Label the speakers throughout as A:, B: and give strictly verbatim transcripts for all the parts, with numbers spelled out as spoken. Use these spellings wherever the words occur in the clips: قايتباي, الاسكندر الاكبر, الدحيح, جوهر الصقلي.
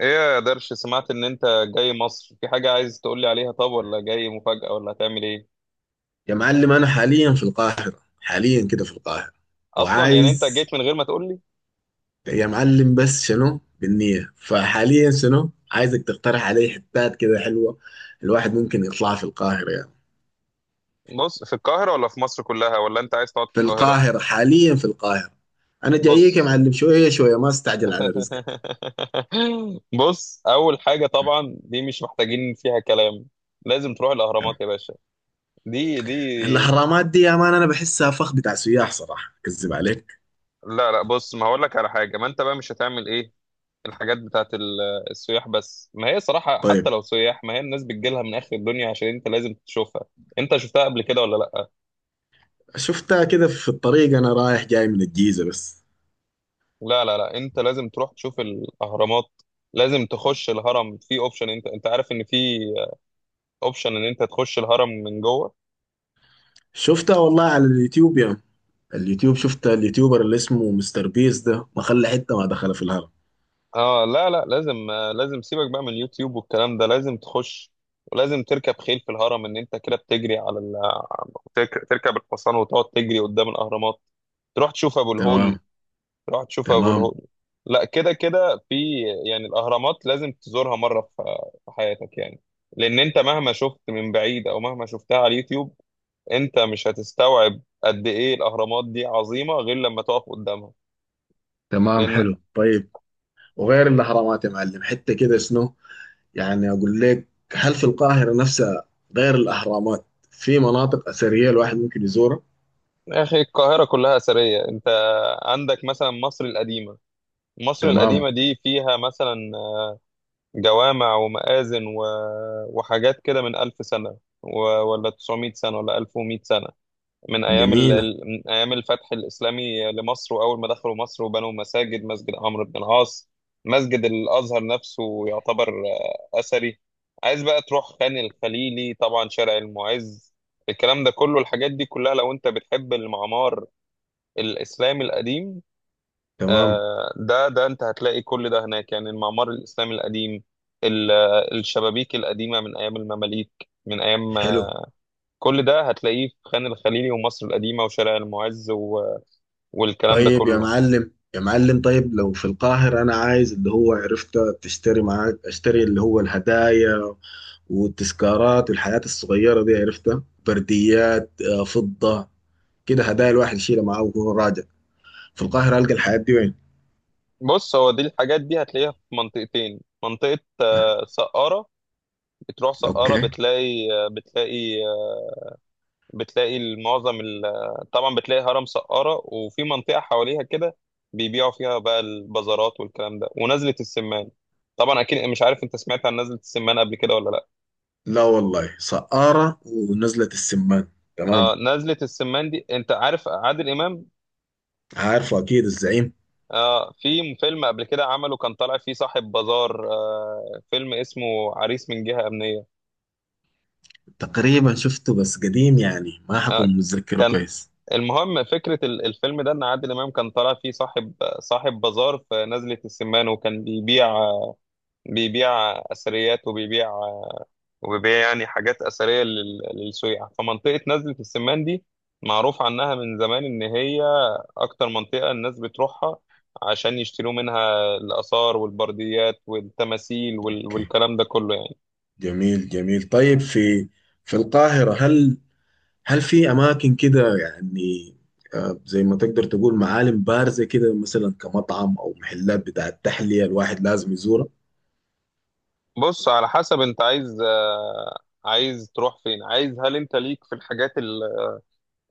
A: ايه يا درش، سمعت ان انت جاي مصر؟ في حاجة عايز تقولي عليها؟ طب ولا جاي مفاجأة، ولا هتعمل ايه؟
B: يا معلم، انا حاليا في القاهره، حاليا كده في القاهره
A: اصلا يعني انت
B: وعايز.
A: جيت من غير ما تقولي؟
B: يا معلم بس شنو بالنية؟ فحاليا شنو عايزك تقترح علي حتات كده حلوه الواحد ممكن يطلعها في القاهره يعني.
A: بص، في القاهرة ولا في مصر كلها، ولا انت عايز تقعد في
B: في
A: القاهرة؟
B: القاهره حاليا في القاهره. انا جايك يا
A: بص.
B: معلم، شويه شويه، ما استعجل على رزقك.
A: بص، اول حاجة طبعا دي مش محتاجين فيها كلام. لازم تروح الاهرامات
B: تمام.
A: يا باشا. دي دي
B: الحرامات دي يا مان انا بحسها فخ بتاع سياح، صراحه كذب عليك.
A: لا لا، بص، ما هقول لك على حاجة، ما انت بقى مش هتعمل ايه. الحاجات بتاعت ال- السياح، بس ما هي صراحة حتى
B: طيب.
A: لو سياح، ما هي الناس بتجيلها من آخر الدنيا عشان انت لازم تشوفها. انت شفتها قبل كده ولا لا؟
B: شفتها كده في الطريق، انا رايح جاي من الجيزه بس.
A: لا لا لا، انت لازم تروح تشوف الأهرامات. لازم تخش الهرم، في اوبشن، انت انت عارف ان في اوبشن ان انت تخش الهرم من جوه.
B: شفتها والله على اليوتيوب يا مان. اليوتيوب، شفت اليوتيوبر اللي اسمه مستر بيس ده ما خلى حته ما دخل في الهرم.
A: اه لا لا، لازم آه، لازم سيبك بقى من اليوتيوب والكلام ده، لازم تخش. ولازم تركب خيل في الهرم، ان انت كده بتجري على ال... ترك- تركب الحصان وتقعد تجري قدام الأهرامات. تروح تشوف ابو الهول.
B: تمام.
A: تروح تشوف ابو
B: تمام.
A: الهول. لا، كده كده في، يعني الاهرامات لازم تزورها مره في في حياتك يعني، لان انت مهما شفت من بعيد، او مهما شفتها على اليوتيوب، انت مش هتستوعب قد ايه الاهرامات دي عظيمه غير لما تقف قدامها.
B: تمام،
A: لان،
B: حلو. طيب، وغير الاهرامات يا معلم حته كده شنو، يعني اقول لك، هل في القاهره نفسها غير الاهرامات في مناطق اثريه الواحد ممكن يزورها؟
A: يا اخي القاهره كلها اثريه. انت عندك مثلا مصر القديمه. مصر
B: تمام،
A: القديمه دي فيها مثلا جوامع ومآذن و... وحاجات كده من ألف سنة سنه و... ولا تسعمائة سنة سنه ولا ألف ومائة سنة سنه، من ايام ال...
B: جميله.
A: ال- من ايام الفتح الاسلامي لمصر، واول ما دخلوا مصر وبنوا مساجد، مسجد عمرو بن العاص، مسجد الازهر نفسه يعتبر آه، اثري. عايز بقى تروح خان الخليلي، طبعا شارع المعز، الكلام ده كله، الحاجات دي كلها لو انت بتحب المعمار الاسلامي القديم.
B: تمام،
A: آه، ده ده انت هتلاقي كل ده هناك، يعني المعمار الاسلامي القديم، ال- آه، الشبابيك القديمه من ايام المماليك، من ايام آه،
B: حلو.
A: كل ده هتلاقيه في خان الخليلي ومصر القديمه وشارع المعز والكلام ده
B: طيب يا
A: كله.
B: معلم، يا معلم، طيب لو في القاهره انا عايز اللي هو، عرفت تشتري معاك، اشتري اللي هو الهدايا والتذكارات والحاجات الصغيرة دي، عرفتها، برديات، آه، فضة، كده هدايا الواحد يشيلها معاه وهو راجع. في القاهرة ألقى الحاجات دي وين؟
A: بص، هو دي الحاجات دي هتلاقيها في منطقتين، منطقة آه، سقارة. بتروح سقارة،
B: اوكي.
A: بتلاقي آه، بتلاقي آه، بتلاقي معظم ال- آه، طبعا بتلاقي هرم سقارة، وفي منطقة حواليها كده بيبيعوا فيها بقى البازارات والكلام ده، ونزلة السمان. طبعا اكيد مش عارف، انت سمعت عن نزلة السمان قبل كده ولا لا؟
B: لا والله، سقارة ونزلة السمان. تمام.
A: آه نزلة السمان دي، انت عارف عادل امام،
B: عارفه أكيد، الزعيم.
A: آه في فيلم قبل كده عمله كان طالع فيه صاحب بازار، آه فيلم اسمه عريس من جهة أمنية.
B: تقريبا شفته بس قديم يعني، ما
A: آه،
B: حكون متذكره
A: كان،
B: كويس.
A: المهم فكرة ال- الفيلم ده، إن عادل إمام كان طالع فيه صاحب صاحب بازار في نزلة السمان، وكان بيبيع بيبيع أثريات، وبيبيع، وبيبيع يعني حاجات أثرية لل- للسياح. فمنطقة نزلة السمان دي معروف عنها من زمان إن هي أكتر منطقة الناس بتروحها عشان يشتروا منها الآثار والبرديات والتماثيل وال-
B: اوكي،
A: والكلام ده كله يعني.
B: جميل جميل. طيب، في في القاهرة هل هل في اماكن كده يعني، آه، زي ما تقدر تقول معالم بارزة كده، مثلا كمطعم او محلات بتاع التحلية الواحد لازم يزورها؟
A: بص، على حسب أنت عايز، آه، عايز تروح فين، عايز، هل أنت ليك في الحاجات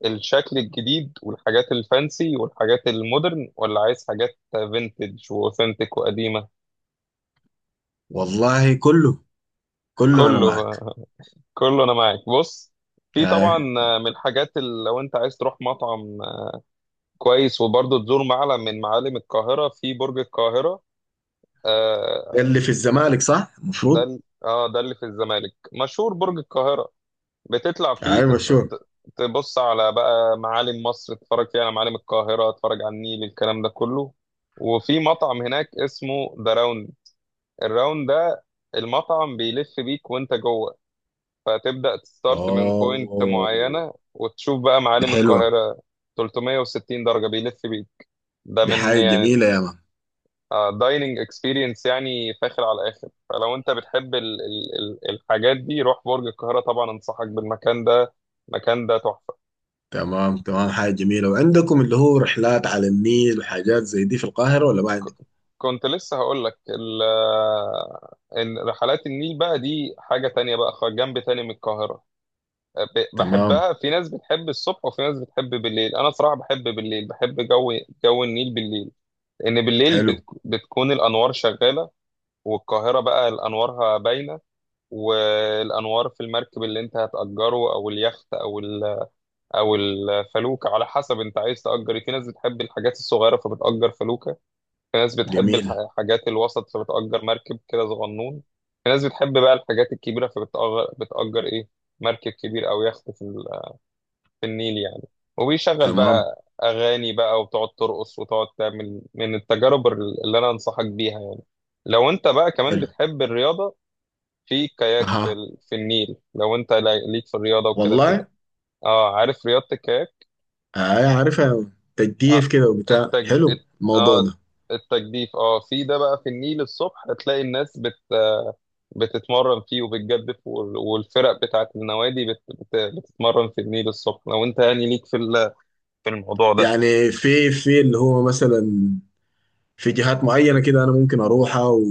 A: الشكل الجديد والحاجات الفانسي والحاجات المودرن، ولا عايز حاجات فينتج واوثنتيك وقديمة؟
B: والله كله، كله انا
A: كله،
B: معك.
A: كله انا معاك. بص، في
B: آه،
A: طبعا من الحاجات اللي لو انت عايز تروح مطعم كويس وبرضه تزور معلم من معالم القاهرة، في برج القاهرة.
B: ده
A: آه
B: اللي في الزمالك صح
A: ده
B: المفروض؟
A: ال- اه ده اللي في الزمالك، مشهور برج القاهرة. بتطلع فيه
B: اي،
A: تتف...
B: مشهور.
A: ت- تبص على بقى معالم مصر، تتفرج فيها على معالم القاهرة، تتفرج على النيل، الكلام ده كله. وفي مطعم هناك اسمه ذا الراوند، ده المطعم بيلف بيك وانت جوه، فتبدأ تستارت من بوينت
B: اوه،
A: معينة وتشوف بقى
B: دي
A: معالم
B: حلوة.
A: القاهرة، 360 درجة بيلف بيك، ده
B: دي
A: من
B: حاجة
A: يعني
B: جميلة يا مان.
A: دايننج اكسبيرينس، يعني فاخر على الاخر. فلو انت بتحب ال ال ال الحاجات دي، روح برج القاهرة، طبعا انصحك بالمكان ده، المكان ده تحفة.
B: تمام، تمام، حاجة جميلة. وعندكم اللي هو رحلات على النيل وحاجات زي دي في القاهرة ولا ما عندكم؟
A: ك- كنت لسه هقول لك ال- آه، ان رحلات النيل بقى دي حاجة تانية بقى، خ- جنب تاني من القاهرة. ب-
B: تمام.
A: بحبها. في ناس بتحب الصبح وفي ناس بتحب بالليل، انا صراحة بحب بالليل، بحب جو جو النيل بالليل، لان بالليل
B: حلو.
A: بت... بتكون الانوار شغالة، والقاهرة بقى الانوارها باينة، والانوار في المركب اللي انت هتأجره او اليخت او ال... او الفلوكة، على حسب انت عايز تأجر إيه. في ناس بتحب الحاجات الصغيرة فبتأجر فلوكة، في ناس بتحب الح-
B: جميل.
A: الحاجات الوسط فبتأجر مركب كده صغنون، في ناس بتحب بقى الحاجات الكبيرة فبتأجر بتأجر ايه، مركب كبير او يخت في في النيل يعني، وبيشغل
B: تمام.
A: بقى أغاني بقى وتقعد ترقص وتقعد تعمل، من التجارب اللي أنا أنصحك بيها يعني. لو أنت بقى كمان
B: حلو.
A: بتحب الرياضة، في كاياك في
B: اها.
A: ال... في النيل. لو أنت لا- ليك في الرياضة وكده فيها.
B: والله.
A: أه عارف رياضة الكاياك؟
B: آه، عارفها،
A: أه
B: تجديف كده وبتاع،
A: التجد...
B: حلو
A: الت...
B: الموضوع
A: أه
B: ده.
A: التجديف، أه في ده بقى في النيل الصبح هتلاقي الناس بت... بتتمرن فيه وبتجدف، وال... والفرق بتاعت النوادي بت... بت... بتتمرن في النيل الصبح، لو أنت يعني ليك في ال... في الموضوع ده.
B: يعني في في اللي هو مثلا في جهات معينة كده أنا ممكن أروحها و-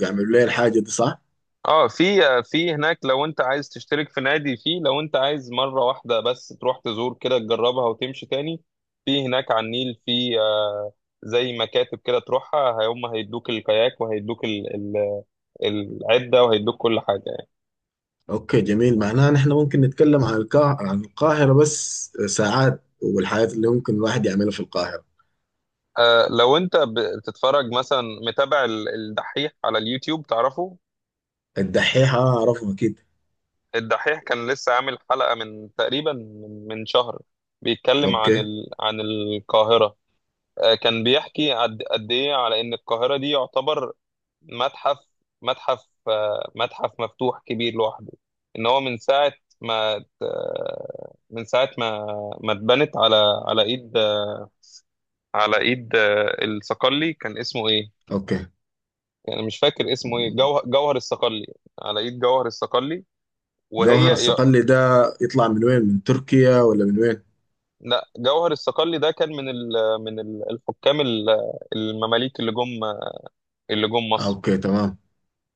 B: ويعملوا لي الحاجة دي صح؟
A: اه، في آه، في هناك، لو انت عايز تشترك في نادي، فيه لو انت عايز مرة واحدة بس تروح تزور كده تجربها وتمشي تاني، في هناك على النيل في آه، زي مكاتب كده تروحها، هم هيدوك الكاياك وهيدوك ال- ال- العدة وهيدوك كل حاجة يعني.
B: أوكي، جميل. معناها نحن ممكن نتكلم عن القاهرة، عن القاهرة بس ساعات، والحاجات اللي ممكن الواحد يعملها في القاهرة.
A: آه، لو انت بتتفرج مثلا، متابع ال- الدحيح على اليوتيوب تعرفه؟
B: الدحيحة أعرفه أكيد.
A: الدحيح كان لسه عامل حلقة من تقريبا من من شهر، بيتكلم عن
B: أوكي.
A: ال... عن القاهرة. آه، كان بيحكي قد قد ايه على ان القاهره دي يعتبر متحف متحف آه، متحف مفتوح كبير لوحده، ان هو من ساعه ما ت- آه، من ساعه ما ما اتبنت على على ايد على ايد آه، الصقلي، كان اسمه ايه؟
B: أوكي.
A: يعني مش فاكر اسمه ايه، جوهر جوهر الصقلي، على ايد جوهر الصقلي، وهي
B: جوهر
A: ي-
B: الصقلي ده يطلع من وين؟ من تركيا ولا من وين؟
A: لا جوهر الصقلي ده كان من ال... من ال- الحكام ال- المماليك اللي جم اللي جم
B: آه،
A: مصر.
B: أوكي، تمام.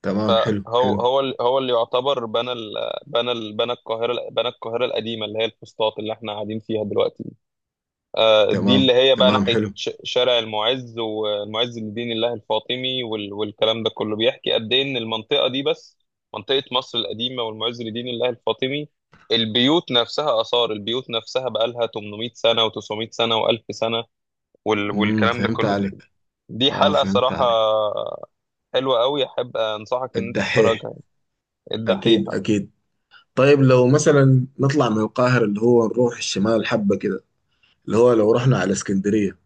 B: تمام، حلو
A: هو
B: حلو.
A: هو ال- هو اللي يعتبر بنى ال بنى ال بنى القاهره بنى القاهره القديمه اللي هي الفسطاط اللي احنا قاعدين فيها دلوقتي. آه، دي
B: تمام،
A: اللي هي بقى
B: تمام،
A: ناحيه
B: حلو.
A: ش- شارع المعز والمعز لدين الله الفاطمي وال- والكلام ده كله. بيحكي قد ايه ان المنطقه دي بس، منطقه مصر القديمه والمعز لدين الله الفاطمي، البيوت نفسها، اثار البيوت نفسها بقى لها ثمانمائة سنة سنه و900 سنه و1000 سنه وال-
B: امم
A: والكلام ده
B: فهمت
A: كله. دي,
B: عليك.
A: دي
B: اه،
A: حلقه
B: فهمت
A: صراحه
B: عليك.
A: حلوه قوي، احب انصحك ان انت
B: الدحيح.
A: تتفرجها، الدحيح.
B: اكيد اكيد. طيب لو مثلا نطلع من القاهرة، اللي هو نروح الشمال حبة كده، اللي هو لو رحنا على اسكندرية.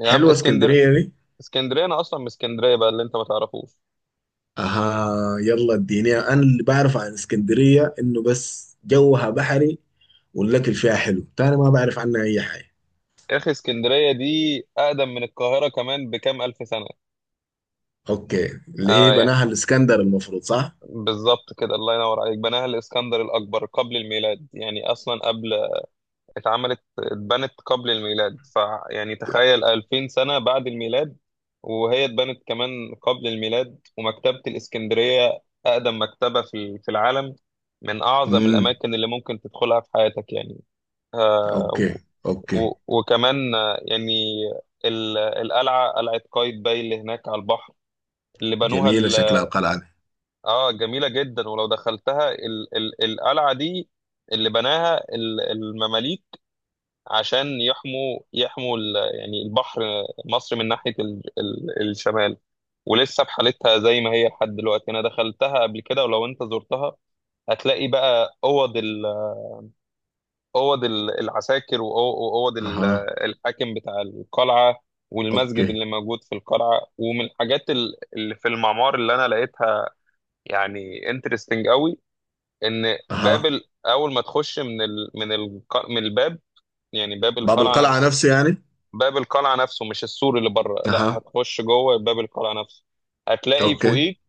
A: يا عم
B: حلوة
A: اسكندر،
B: اسكندرية دي.
A: اسكندريه انا اصلا من اسكندريه بقى، اللي انت ما تعرفوش.
B: اها، يلا اديني، انا اللي بعرف عن اسكندرية انه بس جوها بحري والاكل فيها حلو، تاني ما بعرف عنها اي حاجة.
A: يا اخي اسكندريه دي اقدم من القاهره كمان بكام الف سنه.
B: اوكي، اللي هي
A: اه يعني،
B: بناها الاسكندر المفروض صح؟
A: بالظبط كده، الله ينور عليك، بناها الاسكندر الاكبر قبل الميلاد، يعني اصلا قبل، اتعملت اتبنت قبل الميلاد، فيعني تخيل ألفين سنة سنه بعد الميلاد وهي اتبنت كمان قبل الميلاد. ومكتبه الاسكندريه اقدم مكتبه في في العالم، من اعظم
B: امم.
A: الاماكن اللي ممكن تدخلها في حياتك يعني.
B: اوكي
A: آه،
B: اوكي.
A: و- وكمان آه، يعني ال- القلعة، قلعة قايتباي اللي هناك على البحر، اللي بنوها
B: جميلة شكلها
A: ال-
B: القلعة دي.
A: اه جميلة جدا، ولو دخلتها، ال ال القلعة دي اللي بناها ال- المماليك عشان يحموا يحموا ال- يعني البحر، مصر من ناحية ال ال الشمال، ولسه بحالتها زي ما هي لحد دلوقتي. انا دخلتها قبل كده، ولو انت زرتها هتلاقي بقى اوض، اوض ال- العساكر وأو- واوض ال-
B: اها.
A: الحاكم بتاع القلعه، والمسجد
B: اوكي.
A: اللي موجود في القلعه. ومن الحاجات ال- اللي في المعمار اللي انا لقيتها يعني انترستنج قوي، ان باب
B: اها.
A: ال- اول ما تخش من ال من ال من الباب، يعني باب
B: باب
A: القلعه
B: القلعة
A: نفسه،
B: نفسه يعني.
A: باب القلعه نفسه مش السور اللي بره، لا،
B: اها.
A: هتخش جوه باب القلعه نفسه، هتلاقي
B: اوكي.
A: فوقيك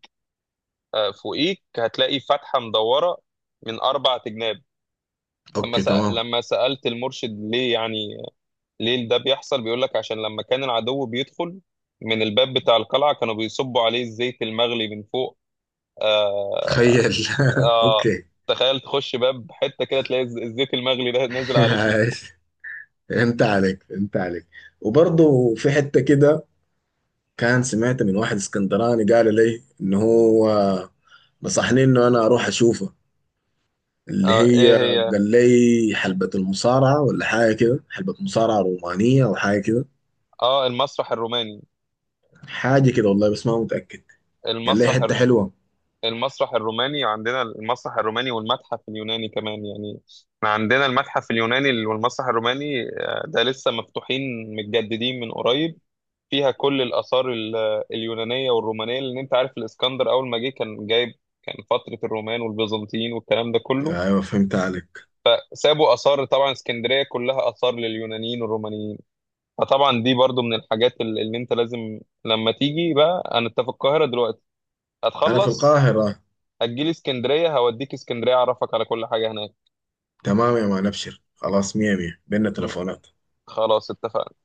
A: آه، فوقيك هتلاقي فتحه مدوره من اربع تجناب. لما
B: اوكي،
A: سأ...
B: تمام.
A: لما سألت المرشد ليه يعني، ليه ده بيحصل، بيقول لك عشان لما كان العدو بيدخل من الباب بتاع القلعة كانوا بيصبوا عليه الزيت المغلي من فوق. آه
B: تخيل.
A: آه
B: اوكي.
A: تخيل، تخش باب حتة كده تلاقي الز- الزيت المغلي ده نازل عليك من فوق.
B: عايش. فهمت عليك، فهمت عليك. وبرضه في حتة كده كان، سمعت من واحد اسكندراني قال لي ان هو نصحني انه انا اروح اشوفه، اللي
A: آه
B: هي،
A: ايه هي؟
B: قال لي حلبة المصارعة ولا حاجة كده، حلبة مصارعة رومانية او حاجة كده.
A: اه، المسرح الروماني،
B: حاجة كده والله، بس ما متأكد. قال لي
A: المسرح
B: حتة
A: الر...
B: حلوة.
A: المسرح الروماني عندنا، المسرح الروماني والمتحف اليوناني كمان يعني، احنا عندنا المتحف اليوناني والمسرح الروماني، آه، ده لسه مفتوحين متجددين من قريب، فيها كل الآثار ال- اليونانية والرومانية، لأن أنت عارف الإسكندر أول ما جه كان جايب، كان فترة الرومان والبيزنطيين والكلام ده كله،
B: ايوه، فهمت عليك.
A: سابوا آثار، طبعا اسكندرية كلها آثار لليونانيين والرومانيين. فطبعا دي برضو من الحاجات ال- اللي أنت لازم، لما تيجي بقى، أنا أنت في القاهرة دلوقتي
B: انا في
A: هتخلص،
B: القاهرة.
A: هتجيلي اسكندرية، هوديك اسكندرية، أعرفك على كل حاجة هناك.
B: تمام يا مان، ابشر خلاص، مية مية، بينا
A: م-
B: تلفونات.
A: خلاص اتفقنا.